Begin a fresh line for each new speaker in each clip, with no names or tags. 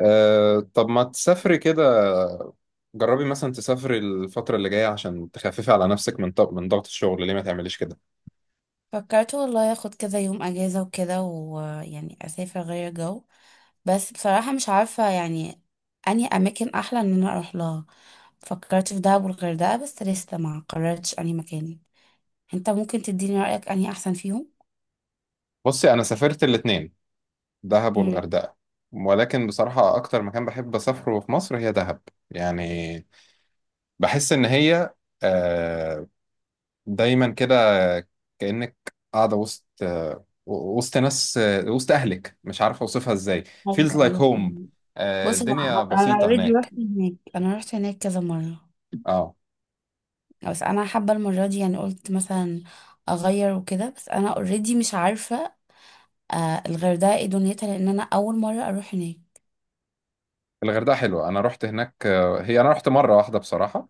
أه، طب ما تسافري كده. جربي مثلا تسافري الفترة اللي جاية عشان تخففي على نفسك من ضغط الشغل، ليه ما تعمليش كده؟
فكرت والله اخد كذا يوم اجازة وكده ويعني اسافر غير جو. بس بصراحة مش عارفة يعني اني اماكن احلى ان انا اروح لها. فكرت في دهب والغردقة بس لسه ما قررتش اني مكان. انت ممكن تديني رأيك اني احسن فيهم؟
بصي، أنا سافرت الاتنين، دهب
امم.
والغردقة. ولكن بصراحة أكتر مكان بحب أسافره في مصر هي دهب. يعني بحس إن هي أه دايما كده، كأنك قاعدة وسط ناس، وسط أهلك، مش عارف أوصفها إزاي. feels
ايوه
like
ايوه.
home. أه،
بص، هو
الدنيا
انا
بسيطة
اوريدي
هناك.
رحت هناك، انا رحت هناك كذا مرة.
اه،
بس انا حابة المرة دي يعني قلت مثلا اغير وكده، بس انا اوريدي مش عارفة. آه، الغردقة ايه دنيتها؟ لان انا اول مرة اروح هناك.
الغردقة حلوة، أنا رحت هناك. آه، هي أنا رحت مرة واحدة بصراحة.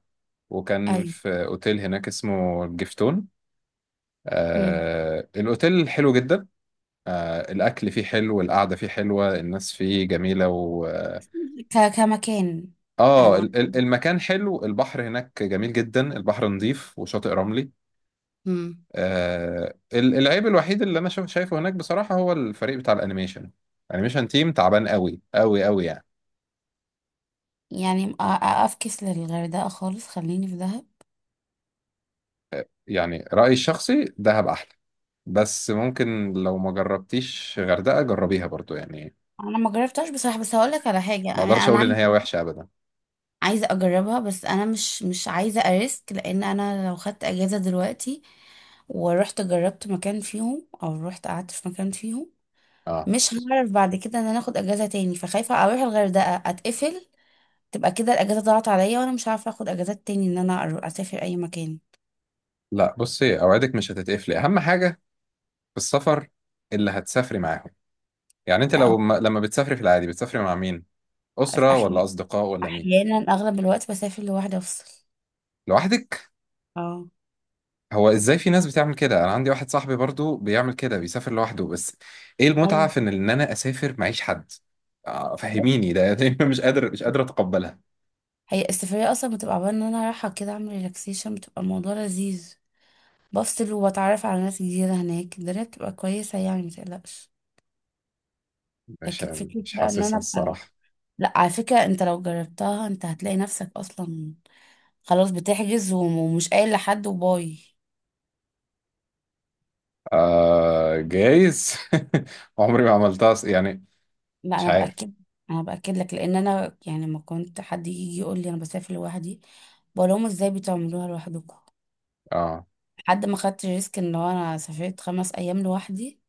وكان في أوتيل هناك اسمه الجفتون.
مم.
آه، الأوتيل حلو جدا. آه، الأكل فيه حلو، القعدة فيه حلوة، الناس فيه جميلة. و آه
كمكان.
آه،
انا
المكان حلو، البحر هناك جميل جدا، البحر نظيف وشاطئ رملي.
مم.
آه، العيب الوحيد اللي أنا شايفه هناك بصراحة هو الفريق بتاع الأنيميشن. الأنيميشن تيم تعبان قوي قوي قوي يعني.
يعني افكس للغردقه خالص، خليني في دهب.
يعني رأيي الشخصي دهب أحلى. بس ممكن لو ما جربتيش غردقة جربيها برضو يعني.
انا ما جربتهاش بصراحه، بس هقول لك على حاجه،
ما
انا
أقدرش
انا
أقول إن
عايزه
هي وحشة أبدا.
عايزه اجربها، بس انا مش عايزه اريسك لان انا لو خدت اجازه دلوقتي ورحت جربت مكان فيهم او رحت قعدت في مكان فيهم،
آه،
مش هعرف بعد كده ان انا اخد اجازه تاني. فخايفه اروح الغردقه اتقفل تبقى كده الاجازه ضاعت عليا، وانا مش عارفه اخد اجازات تاني ان انا اسافر اي مكان.
لا، بصي، أوعدك مش هتتقفلي. أهم حاجة في السفر اللي هتسافري معاهم. يعني أنت
لا أهو.
لو ما... لما بتسافري في العادي بتسافري مع مين؟ أسرة ولا
احيانا
أصدقاء ولا مين؟
احيانا اغلب الوقت بسافر لوحدي افصل.
لوحدك؟
اه.
هو إزاي في ناس بتعمل كده؟ أنا عندي واحد صاحبي برضو بيعمل كده، بيسافر لوحده. بس إيه المتعة
ايوه.
في إن أنا أسافر معيش حد؟ آه، فهميني ده مش قادر أتقبلها.
هي السفرية اصلا بتبقى عبارة ان انا رايحة كده اعمل ريلاكسيشن، بتبقى الموضوع لذيذ. بفصل وبتعرف على ناس جديدة هناك، الدنيا بتبقى كويسة يعني متقلقش.
مش
لكن فكرة
مش
بقى ان انا
حاسسها
ابقى.
الصراحة.
لا على فكرة، انت لو جربتها انت هتلاقي نفسك اصلا خلاص بتحجز ومش قايل لحد وباي.
آه جايز. عمري ما عملتها. يعني
لا
مش
انا
عارف.
باكد. انا باكد لك لان انا يعني لما كنت حد يجي يقول لي انا بسافر لوحدي، بقول لهم ازاي بتعملوها لوحدكم.
اه،
حد ما خدت ريسك ان هو انا سافرت 5 ايام لوحدي.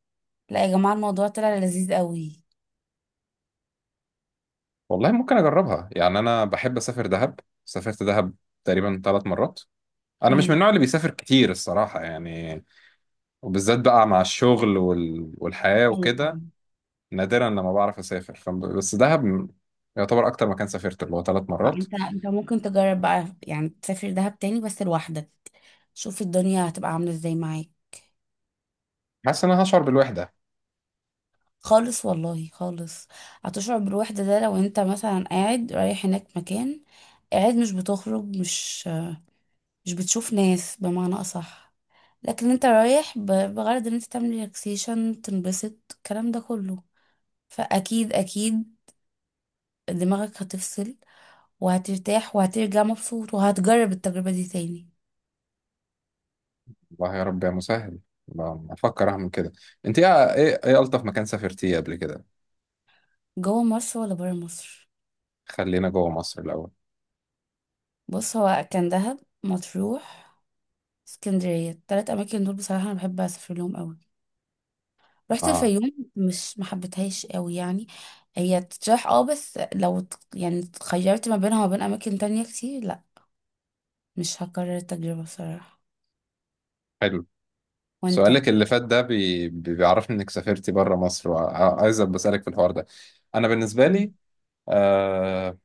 لا يا جماعه، الموضوع طلع لذيذ قوي.
والله ممكن أجربها، يعني أنا بحب أسافر دهب. سافرت دهب تقريبا ثلاث مرات. أنا مش من
امم.
النوع اللي بيسافر كتير الصراحة يعني. وبالذات بقى مع الشغل والحياة
ايوه.
وكده. نادرا لما بعرف أسافر. بس دهب يعتبر أكتر مكان سافرت، اللي هو ثلاث
آه،
مرات.
انت ممكن تجرب بقى يعني تسافر دهب تاني بس لوحدك. شوف الدنيا هتبقى عامله ازاي معاك.
حاسس إن أنا هشعر بالوحدة.
خالص والله خالص. هتشعر بالوحده ده لو انت مثلا قاعد رايح هناك مكان، قاعد مش بتخرج مش بتشوف ناس بمعنى اصح. لكن انت رايح بغرض ان انت تعمل ريلاكسيشن تنبسط، الكلام ده كله فاكيد اكيد دماغك هتفصل وهترتاح وهترجع مبسوط وهتجرب التجربة دي تاني.
والله يا رب يا مسهل. ب- بفكر أعمل كده. أنت إيه ألطف مكان سافرتيه قبل كده؟
جوه مصر ولا برا مصر؟
خلينا جوه مصر الأول.
بص، هو كان دهب، مطروح، اسكندرية، التلات أماكن دول بصراحة أنا بحب أسافر لهم أوي. رحت
اه،
الفيوم مش محبتهاش أوي يعني. هي تتراح اه، بس لو يعني اتخيرت ما بينها وما بين أماكن تانية كتير لأ مش هكرر التجربة بصراحة.
حلو.
وانت؟
سؤالك اللي فات ده بيعرفني انك سافرتي بره مصر، وعايز بسألك في الحوار ده. انا بالنسبة لي آه،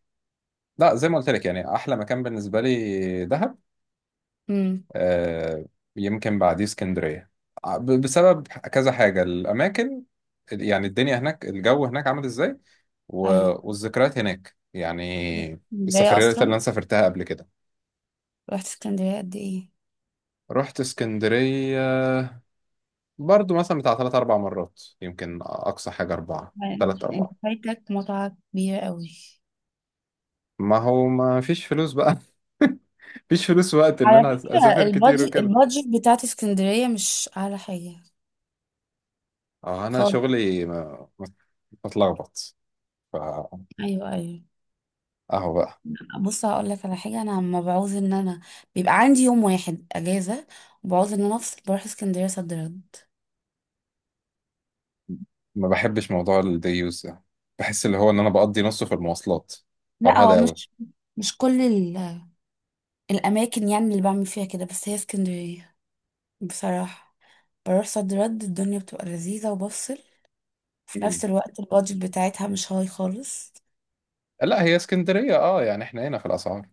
لا زي ما قلت لك، يعني احلى مكان بالنسبة لي دهب.
امم.
آه، يمكن بعديه اسكندرية، بسبب كذا حاجة. الاماكن، يعني الدنيا هناك، الجو هناك عامل ازاي، و...
أيوه.
والذكريات هناك يعني،
اسكندرية
السفريات اللي انا
أصلا،
سافرتها قبل كده.
رحت اسكندرية قد ايه؟
رحت اسكندرية برضو مثلا بتاع ثلاث أربع مرات، يمكن أقصى حاجة أربعة،
يعني
ثلاث
انت
أربعة.
فايتك متعة كبيرة أوي.
ما هو ما فيش فلوس بقى. مفيش فلوس وقت إن
على
أنا
فكرة
أسافر كتير
البادجت
وكده.
البادجت بتاعت اسكندرية مش أعلى حاجة
أه، أنا
خالص.
شغلي متلخبط، فأهو
أيوه أيوه.
بقى.
بص هقول لك على حاجة، أنا لما بعوز إن أنا بيبقى عندي يوم واحد أجازة وبعوز إن أنا أفصل بروح اسكندرية صد رد.
ما بحبش موضوع الدي يوز ده، بحس اللي هو إن أنا بقضي نصه في المواصلات،
لا هو
فرهدة أوي.
مش كل الأماكن يعني اللي بعمل فيها كده، بس هي اسكندرية بصراحة، بروح صد رد الدنيا بتبقى لذيذة وبفصل، في
مم.
نفس الوقت البادجت بتاعتها مش هاي خالص.
لا، هي اسكندرية أه، يعني إحنا هنا في الأسعار.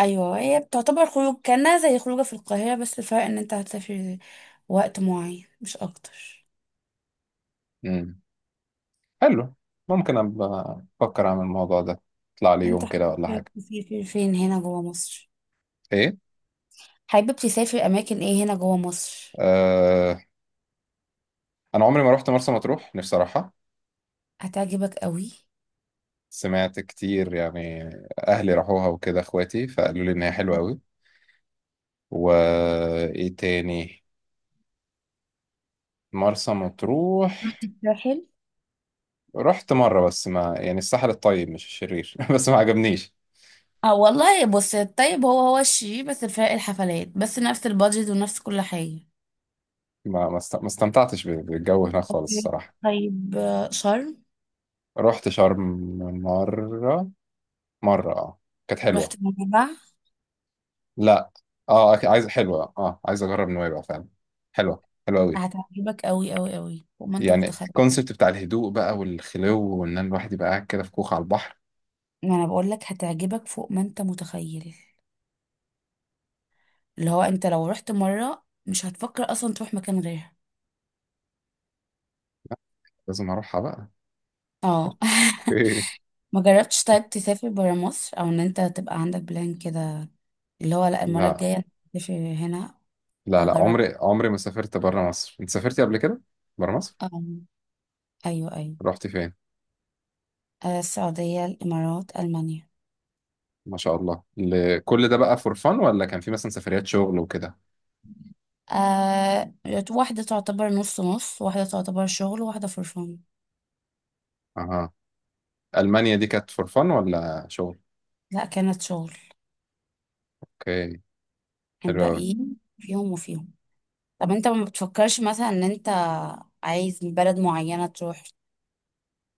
ايوه، هي بتعتبر خروج كانها زي خروجه في القاهره، بس الفرق ان انت هتسافر وقت معين مش اكتر.
مم. حلو. ممكن أبقى أفكر أعمل الموضوع ده، أطلع لي
انت
يوم كده ولا
حابب
حاجة.
تسافر فين هنا جوه مصر؟
إيه؟
حابب تسافر اماكن ايه هنا جوه مصر؟
آه، انا عمري ما رحت مرسى مطروح، نفسي اروحها.
هتعجبك قوي.
سمعت كتير يعني، اهلي راحوها وكده، اخواتي فقالوا لي ان هي حلوه قوي. وايه تاني؟ مرسى مطروح.
رحت الساحل؟
رحت مره بس، ما يعني الساحل الطيب مش الشرير بس ما عجبنيش.
اه والله، بص الطيب هو هو الشيء، بس الفرق الحفلات بس، نفس البادجت ونفس كل حاجه.
ما استمتعتش بالجو هناك خالص الصراحه.
طيب شرم.
رحت شرم مره، مره اه، كانت حلوه.
رحت منبع؟
لا. اه، عايز حلوه اه، عايز اجرب نويبع فعلا. حلوه حلوه قوي
هتعجبك قوي قوي قوي فوق ما انت
يعني.
متخيل.
الكونسيبت بتاع الهدوء بقى والخلو، وان أنا الواحد يبقى قاعد كده في كوخ على البحر.
ما انا بقول لك هتعجبك فوق ما انت متخيل، اللي هو انت لو رحت مرة مش هتفكر اصلا تروح مكان غيرها.
لازم اروحها بقى.
اه.
اوكي.
ما جربتش طيب تسافر برا مصر او ان انت تبقى عندك بلان كده، اللي هو لا المرة
لا،
الجاية أنا هسافر هنا.
لا، لا،
هجرب.
عمري عمري ما سافرت بره مصر. انت سافرتي قبل كده بره مصر؟
اه. ايوه ايوه.
رحتي فين؟
آه، السعودية الامارات المانيا.
ما شاء الله، كل ده بقى فور فن ولا كان في مثلا سفريات شغل وكده؟
آه، واحدة تعتبر نص نص، واحدة تعتبر شغل، وواحدة فرفان.
اها. المانيا دي كانت فور فن ولا شغل؟
لا كانت شغل.
اوكي. حلو قوي.
الباقيين فيهم وفيهم. طب انت ما بتفكرش مثلا ان انت عايز بلد معينة تروح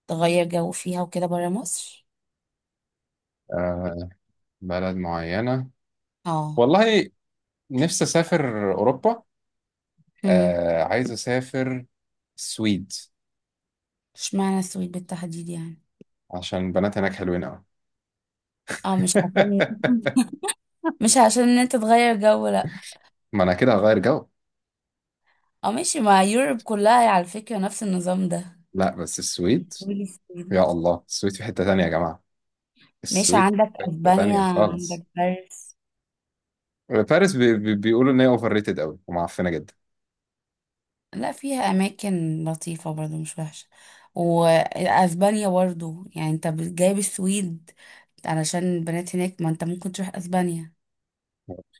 تغير جو فيها وكده برا مصر؟
آه، بلد معينة؟
اه.
والله نفسي اسافر اوروبا.
امم.
آه، عايز اسافر السويد.
اشمعنى السويد بالتحديد يعني؟
عشان البنات هناك حلوين قوي.
اه مش عشان. مش عشان ان انت تغير جو لا.
ما انا كده هغير جو.
اه ماشي، ما يوروب كلها على فكرة نفس النظام ده.
لا بس السويد.
قولي
يا
السويد.
الله، السويد في حتة تانية يا جماعة.
ماشي،
السويد
عندك
في حتة
اسبانيا
تانية
عندك
خالص.
باريس.
باريس بي بي بيقولوا ان هي اوفر ريتد قوي ومعفنة جدا.
لا، فيها اماكن لطيفة برضو مش وحشة. واسبانيا برضو يعني انت جايب السويد علشان البنات هناك، ما انت ممكن تروح اسبانيا.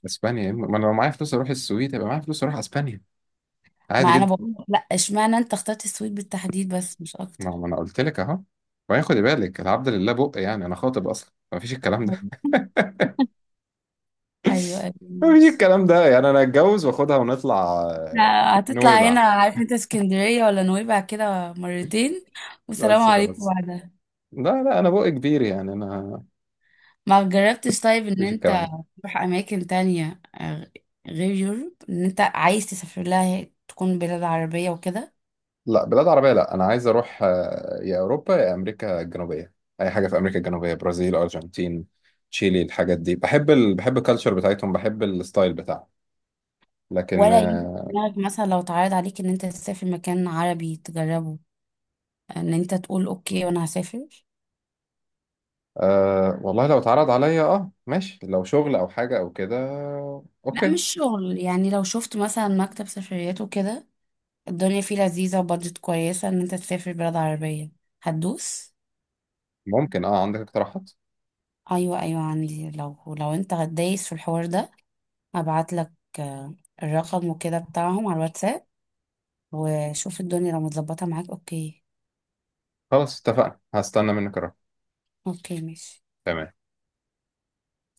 اسبانيا، ما انا لو معايا فلوس اروح السويد يبقى معايا فلوس اروح اسبانيا عادي
ما انا
جدا.
بقول لا، اشمعنى انت اخترت السويد بالتحديد بس مش اكتر.
ما انا قلت لك اهو. وبعدين خدي بالك، العبد لله بق يعني انا خاطب اصلا، ما فيش الكلام ده
ايوه ايوه
ما فيش
ماشي.
الكلام ده. يعني انا اتجوز واخدها ونطلع. آه،
هتطلع هنا
نويبع.
عارف انت اسكندرية ولا نويبع كده مرتين، والسلام
بس
عليكم
خلاص.
بعدها.
لا، لا، انا بق كبير يعني. انا ما
ما جربتش طيب ان
فيش الكلام
انت
ده.
تروح اماكن تانية غير يوروب ان انت عايز تسافر لها تكون بلاد عربية وكده؟
لا بلاد عربية. لا، أنا عايز أروح آه، يا أوروبا يا أمريكا الجنوبية. أي حاجة في أمريكا الجنوبية، برازيل، أرجنتين، تشيلي. الحاجات دي بحب بحب الكالتشر بتاعتهم، بحب الستايل بتاعهم. لكن
ولا يجي في
آه،
دماغك مثلا لو اتعرض عليك ان انت تسافر مكان عربي تجربه، ان انت تقول اوكي وانا هسافر؟
آه، والله لو اتعرض عليا أه، ماشي لو شغل أو حاجة أو كده.
لا
أوكي.
مش شغل يعني، لو شفت مثلا مكتب سفريات وكده الدنيا فيه لذيذة وبادجت كويسة ان انت تسافر بلاد عربية هتدوس؟
ممكن. أه عندك اقتراحات؟
ايوه ايوه عندي. لو انت دايس في الحوار ده هبعت لك آه، الرقم وكده بتاعهم على الواتساب، وشوف الدنيا لو متظبطة معاك اوكي.
خلاص، اتفقنا، هستنى منك الرقم.
اوكي ماشي
تمام.